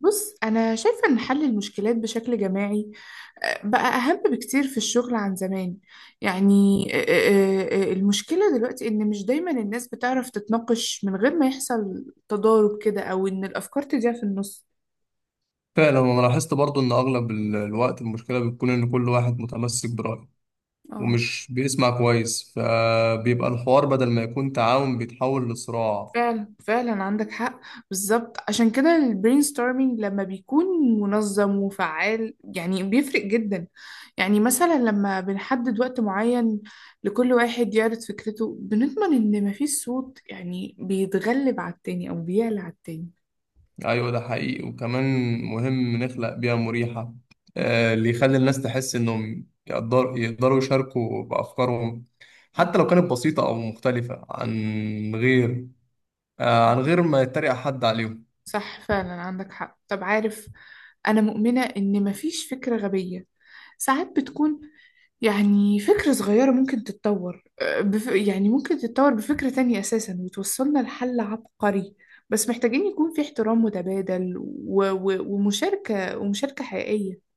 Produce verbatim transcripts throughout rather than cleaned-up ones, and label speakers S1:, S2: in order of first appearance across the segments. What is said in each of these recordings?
S1: بص، أنا شايفة إن حل المشكلات بشكل جماعي آه، بقى أهم بكتير في الشغل عن زمان يعني. آه، آه، آه، آه، المشكلة دلوقتي إن مش دايما الناس بتعرف تتناقش من غير ما يحصل تضارب كده أو إن الأفكار تضيع في النص.
S2: فعلا انا لاحظت برضو ان اغلب ال- الوقت المشكله بتكون ان كل واحد متمسك برايه ومش بيسمع كويس، فبيبقى الحوار بدل ما يكون تعاون بيتحول لصراع.
S1: فعلا فعلا، عندك حق. بالظبط، عشان كده البرين ستورمينج لما بيكون منظم وفعال يعني بيفرق جدا. يعني مثلا لما بنحدد وقت معين لكل واحد يعرض فكرته بنضمن ان مفيش صوت يعني بيتغلب على التاني او بيعلى على التاني.
S2: ايوه ده حقيقي، وكمان مهم نخلق بيئه مريحه آه، اللي يخلي الناس تحس انهم يقدر يقدروا يشاركوا بافكارهم
S1: أو.
S2: حتى لو كانت بسيطه او مختلفه عن غير، آه، عن غير ما يتريق حد عليهم.
S1: صح، فعلا عندك حق. طب عارف، أنا مؤمنة إن مفيش فكرة غبية. ساعات بتكون يعني فكرة صغيرة ممكن تتطور، آه، بف... يعني ممكن تتطور بفكرة تانية أساسا وتوصلنا لحل عبقري. بس محتاجين يكون في احترام متبادل و... و... ومشاركة ومشاركة حقيقية.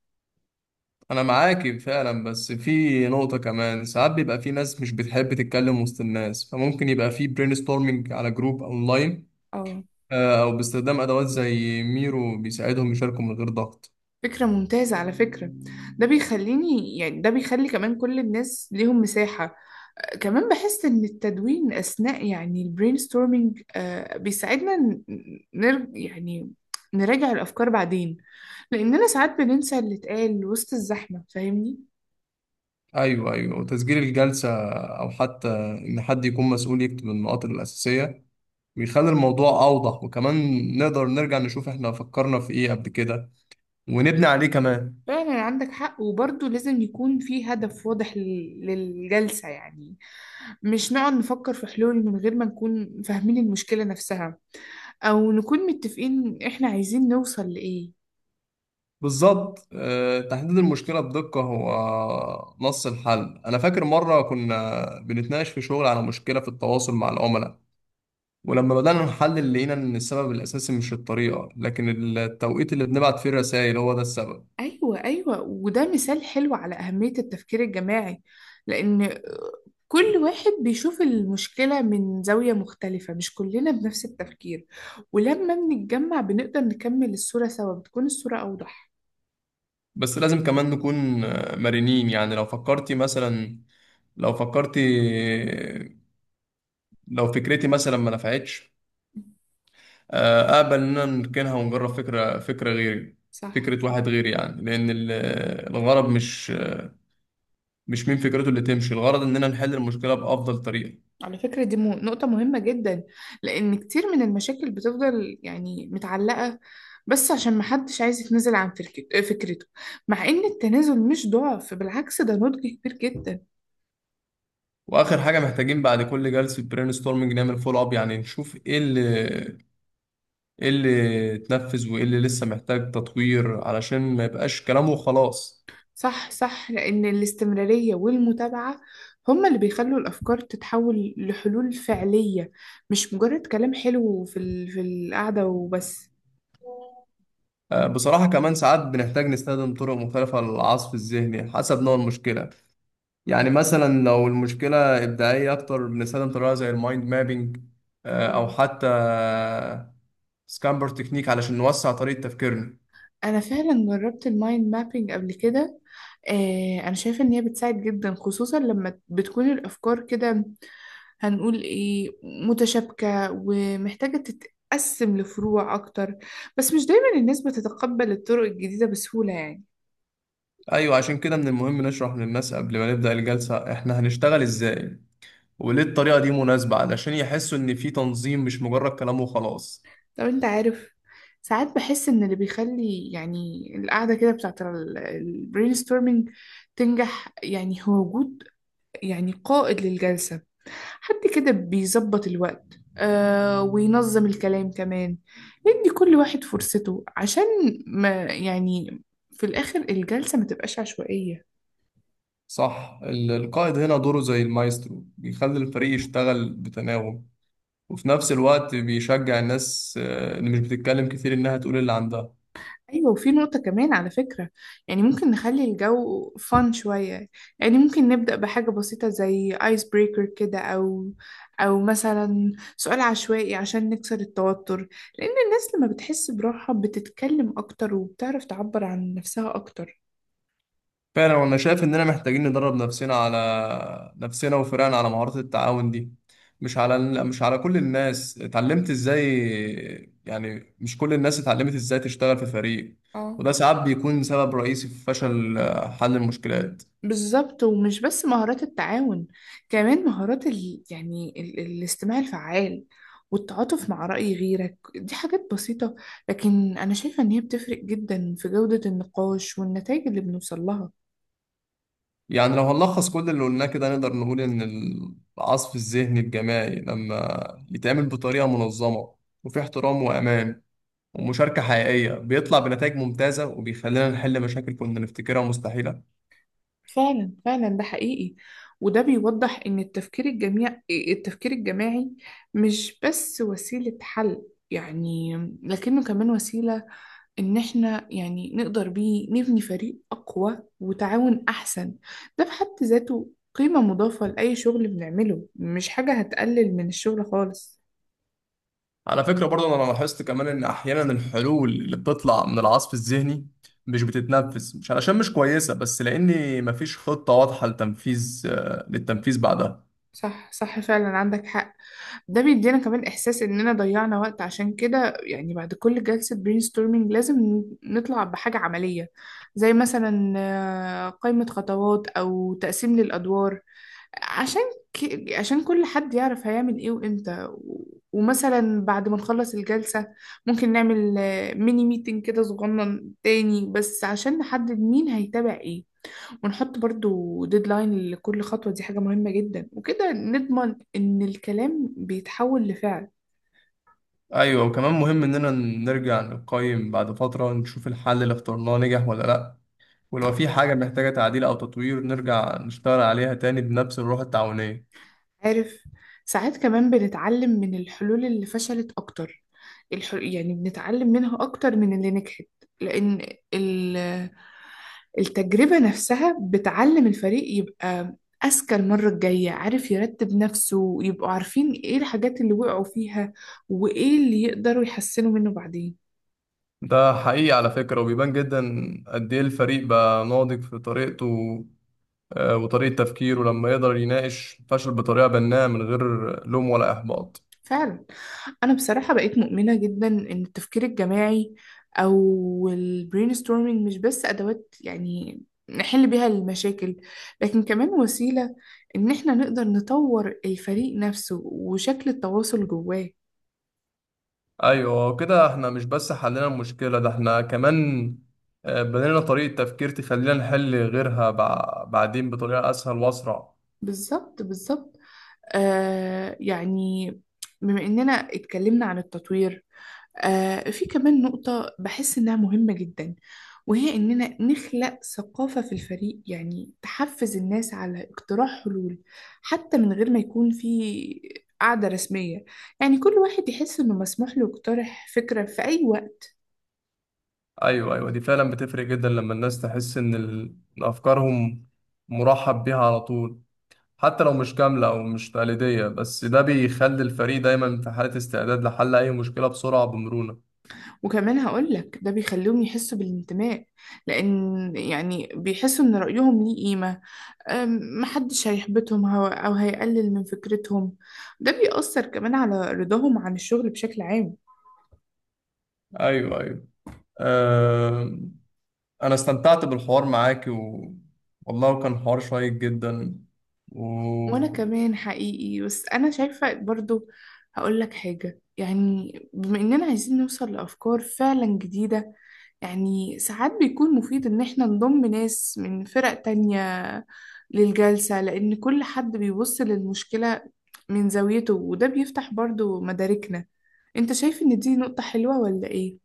S2: انا معاكي فعلا، بس في نقطة كمان: ساعات بيبقى في ناس مش بتحب تتكلم وسط الناس، فممكن يبقى في برين ستورمنج على جروب اونلاين،
S1: اه،
S2: آه، او باستخدام ادوات زي ميرو بيساعدهم يشاركوا من غير ضغط.
S1: فكرة ممتازة على فكرة. ده بيخليني يعني ده بيخلي كمان كل الناس ليهم مساحة. آه، كمان بحس إن التدوين أثناء يعني البرين ستورمينج بيساعدنا ن- نر... يعني نراجع الأفكار بعدين، لأننا ساعات بننسى اللي اتقال وسط الزحمة، فاهمني؟
S2: ايوه ايوه، وتسجيل الجلسة او حتى ان حد يكون مسؤول يكتب النقاط الاساسية بيخلي الموضوع اوضح، وكمان نقدر نرجع نشوف احنا فكرنا في ايه قبل كده ونبني عليه كمان.
S1: فعلا عندك حق. وبرضه لازم يكون في هدف واضح لل- للجلسة، يعني مش نقعد نفكر في حلول من غير ما نكون فاهمين المشكلة نفسها، أو نكون متفقين إحنا عايزين نوصل لإيه.
S2: بالظبط، آه، تحديد المشكلة بدقة هو نص الحل. أنا فاكر مرة كنا بنتناقش في شغل على مشكلة في التواصل مع العملاء، ولما بدأنا نحلل لقينا إن السبب الأساسي مش الطريقة، لكن التوقيت اللي بنبعت فيه الرسائل هو ده السبب.
S1: أيوة أيوة، وده مثال حلو على أهمية التفكير الجماعي، لأن كل واحد بيشوف المشكلة من زاوية مختلفة، مش كلنا بنفس التفكير. ولما بنتجمع بنقدر نكمل الصورة سوا، بتكون الصورة أوضح.
S2: بس لازم كمان نكون آه، مرنين. يعني لو فكرتي مثلا، لو فكرتي لو فكرتي مثلا ما نفعتش، آه، أقبل إننا نركنها ونجرب فكرة فكرة غيري،
S1: صح.
S2: فكرة واحد غيري. يعني لأن ال- الغرض مش مش مين فكرته اللي تمشي، الغرض اننا نحل المشكله بافضل طريقه.
S1: على فكرة دي مو- نقطة مهمة جدا، لأن كتير من المشاكل بتفضل يعني متعلقة بس عشان محدش عايز يتنازل عن فركت- فكرته، مع إن التنازل مش ضعف، بالعكس ده نضج كبير جدا.
S2: واخر حاجه محتاجين بعد كل جلسه برين ستورمنج نعمل فول اب، يعني نشوف ايه اللي ايه اللي اتنفذ وايه اللي لسه محتاج تطوير، علشان ما يبقاش كلامه وخلاص.
S1: صح صح، لأن الاستمرارية والمتابعة هما اللي بيخلوا الأفكار تتحول لحلول فعلية، مش مجرد كلام حلو في ال... في القعدة وبس.
S2: آه، بصراحة كمان ساعات بنحتاج نستخدم طرق مختلفة للعصف الذهني حسب نوع المشكلة. يعني مثلا لو المشكلة إبداعية أكتر بنستخدم طريقة زي المايند مابينج، أو حتى سكامبر تكنيك، علشان نوسع طريقة تفكيرنا.
S1: انا فعلا جربت المايند مابينج قبل كده. آه، انا شايفه ان هي بتساعد جدا، خصوصا لما بتكون الافكار كده، هنقول ايه، متشابكه ومحتاجه تتقسم لفروع اكتر. بس مش دايما الناس بتتقبل الطرق الجديده بسهوله يعني.
S2: ايوه، عشان كده من المهم نشرح للناس قبل ما نبدأ الجلسة احنا هنشتغل ازاي وليه الطريقة دي مناسبة، علشان يحسوا ان في تنظيم مش مجرد كلام وخلاص.
S1: طب انت عارف، ساعات بحس ان اللي بيخلي يعني القعده كده بتاعت البرين ستورمينج تنجح يعني هو وجود يعني قائد للجلسه، حد كده بيظبط الوقت آه وينظم الكلام كمان، ندي كل واحد فرصته عشان ما يعني في الآخر الجلسة ما تبقاش عشوائية.
S2: صح، ال- القائد هنا دوره زي المايسترو، بيخلي الفريق يشتغل بتناغم، وفي نفس الوقت بيشجع الناس آه، اللي مش بتتكلم كتير انها تقول اللي عندها.
S1: أيوة، وفي نقطة كمان على فكرة، يعني ممكن نخلي الجو فان شوية، يعني ممكن نبدأ بحاجة بسيطة زي ايس بريكر كده، أو أو مثلا سؤال عشوائي عشان نكسر التوتر، لأن الناس لما بتحس براحة بتتكلم أكتر وبتعرف تعبر عن نفسها أكتر.
S2: فعلا، وانا شايف اننا محتاجين ندرب نفسنا على نفسنا وفرقنا على مهارات التعاون دي. مش على مش على كل الناس اتعلمت ازاي، يعني مش كل الناس اتعلمت ازاي تشتغل في فريق،
S1: اه،
S2: وده ساعات بيكون سبب رئيسي في فشل آه، حل المشكلات.
S1: بالظبط، ومش بس مهارات التعاون، كمان مهارات ال... يعني ال... الاستماع الفعال والتعاطف مع رأي غيرك، دي حاجات بسيطة لكن أنا شايفة إن هي بتفرق جدا في جودة النقاش والنتائج اللي بنوصل لها.
S2: يعني لو هنلخص كل اللي قلناه كده، نقدر نقول ان العصف الذهني الجماعي لما يتعمل بطريقة منظمة وفي احترام وامان ومشاركة حقيقية بيطلع بنتائج ممتازة، وبيخلينا نحل مشاكل كنا نفتكرها مستحيلة.
S1: فعلا فعلا، ده حقيقي. وده بيوضح إن التفكير الجميع التفكير الجماعي مش بس وسيلة حل يعني، لكنه كمان وسيلة إن إحنا يعني نقدر بيه نبني فريق أقوى وتعاون أحسن. ده في حد ذاته قيمة مضافة لأي شغل بنعمله، مش حاجة هتقلل من الشغل خالص.
S2: على فكرة برضه أنا لاحظت كمان إن أحيانا الحلول اللي بتطلع من العصف الذهني مش بتتنفذ مش علشان مش كويسة، بس لأن مفيش خطة واضحة لتنفيذ آه، للتنفيذ بعدها.
S1: صح صح، فعلا عندك حق. ده بيدينا كمان إحساس إننا ضيعنا وقت. عشان كده يعني بعد كل جلسة brainstorming لازم نطلع بحاجة عملية، زي مثلا آه، قائمة خطوات أو تقسيم للأدوار، عشان ك... عشان كل حد يعرف هيعمل ايه وامتى و... ومثلا بعد ما نخلص الجلسة ممكن نعمل آه، ميني ميتنج كده صغنن تاني بس عشان نحدد مين هيتابع ايه، ونحط برضو ديدلاين لكل خطوة. دي حاجة مهمة جدا، وكده نضمن ان الكلام بيتحول لفعل.
S2: أيوة، وكمان مهم إننا نرجع نقيم بعد فترة، نشوف الحل اللي اخترناه نجح ولا لأ، ولو في حاجة محتاجة تعديل أو تطوير نرجع نشتغل عليها تاني بنفس الروح التعاونية.
S1: عارف، ساعات كمان بنتعلم من الحلول اللي فشلت اكتر، الح... يعني بنتعلم منها اكتر من اللي نجحت، لان ال... التجربة نفسها بتعلم الفريق يبقى أذكى المرة الجاية، عارف يرتب نفسه ويبقوا عارفين إيه الحاجات اللي وقعوا فيها، وإيه اللي يقدروا يحسنوا منه بعدين.
S2: ده حقيقي على فكرة، وبيبان جدا قد إيه الفريق بقى ناضج في طريقته آه، وطريقة تفكيره لما يقدر يناقش الفشل بطريقة بناءة من غير لوم ولا إحباط.
S1: فعلا، أنا بصراحة بقيت مؤمنة جدا إن التفكير الجماعي أو ال brainstorming مش بس أدوات يعني نحل بيها المشاكل، لكن كمان وسيلة إن إحنا نقدر نطور الفريق نفسه وشكل التواصل جواه.
S2: أيوة، كده احنا مش بس حلينا المشكلة، ده احنا كمان آه، بنينا طريقة تفكير تخلينا نحل غيرها بع- بعدين بطريقة أسهل وأسرع.
S1: بالظبط بالظبط. آه يعني بما إننا اتكلمنا عن التطوير، آه في كمان نقطة بحس إنها مهمة جدا، وهي إننا نخلق ثقافة في الفريق يعني تحفز الناس على اقتراح حلول حتى من غير ما يكون في قاعدة رسمية، يعني كل واحد يحس إنه مسموح له يقترح فكرة في أي وقت.
S2: أيوة أيوة، دي فعلا بتفرق جدا لما الناس تحس إن ال- إن أفكارهم مرحب بيها على طول حتى لو مش كاملة أو مش تقليدية، بس ده بيخلي الفريق دايما في حالة استعداد لحل أي مشكلة بسرعة بمرونة.
S1: وكمان هقولك ده بيخليهم يحسوا بالانتماء، لأن يعني بيحسوا إن رأيهم ليه قيمة. أم، محدش هيحبطهم هو- أو هيقلل من فكرتهم. ده بيأثر كمان على رضاهم عن الشغل بشكل عام.
S2: أيوة أيوة. أه، انا استمتعت بالحوار معاك و... والله كان حوار شيق جدا و...
S1: وأنا كمان حقيقي. بس أنا شايفة برضو هقول لك حاجة، يعني بما إننا عايزين نوصل لأفكار فعلا جديدة، يعني ساعات بيكون مفيد إن إحنا نضم ناس من فرق تانية للجلسة، لأن كل حد بيبص للمشكلة من زاويته وده بيفتح برضو مداركنا. أنت شايف إن دي نقطة حلوة ولا إيه؟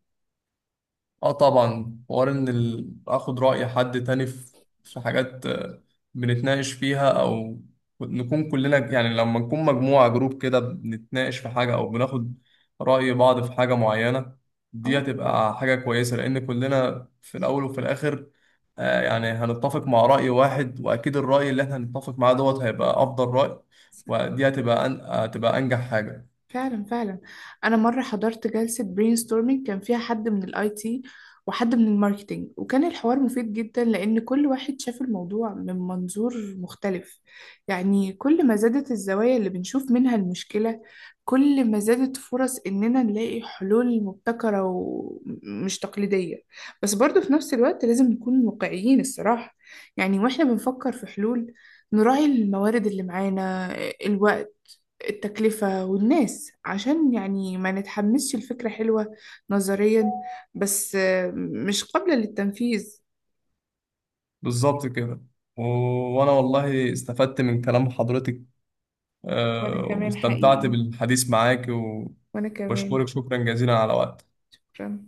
S2: اه طبعا. حوار ان ال- اخد رأي حد تاني في في حاجات آه، بنتناقش فيها، او نكون كلنا يعني، لما نكون مجموعة جروب كده بنتناقش في حاجة او بناخد رأي بعض في حاجة معينة، دي هتبقى حاجة كويسة، لان كلنا في الاول وفي الاخر آه، يعني هنتفق مع رأي واحد، واكيد الرأي اللي احنا هنتفق معاه دوت هيبقى افضل رأي، ودي هتبقى أن... هتبقى انجح حاجة.
S1: فعلا فعلا، انا مره حضرت جلسه برين ستورمينج كان فيها حد من الاي تي وحد من الماركتينج، وكان الحوار مفيد جدا لان كل واحد شاف الموضوع من منظور مختلف. يعني كل ما زادت الزوايا اللي بنشوف منها المشكله، كل ما زادت فرص اننا نلاقي حلول مبتكره ومش تقليديه. بس برضه في نفس الوقت لازم نكون واقعيين الصراحه، يعني واحنا بنفكر في حلول نراعي الموارد اللي معانا، الوقت، التكلفة والناس، عشان يعني ما نتحمسش الفكرة حلوة نظريا بس آه، مش قابلة للتنفيذ.
S2: بالظبط كده. و- وانا والله استفدت من كلام حضرتك،
S1: وأنا
S2: آه،
S1: كمان
S2: واستمتعت
S1: حقيقي،
S2: بالحديث معاك،
S1: وأنا كمان
S2: وبشكرك شكرا جزيلا على وقتك.
S1: شكرا.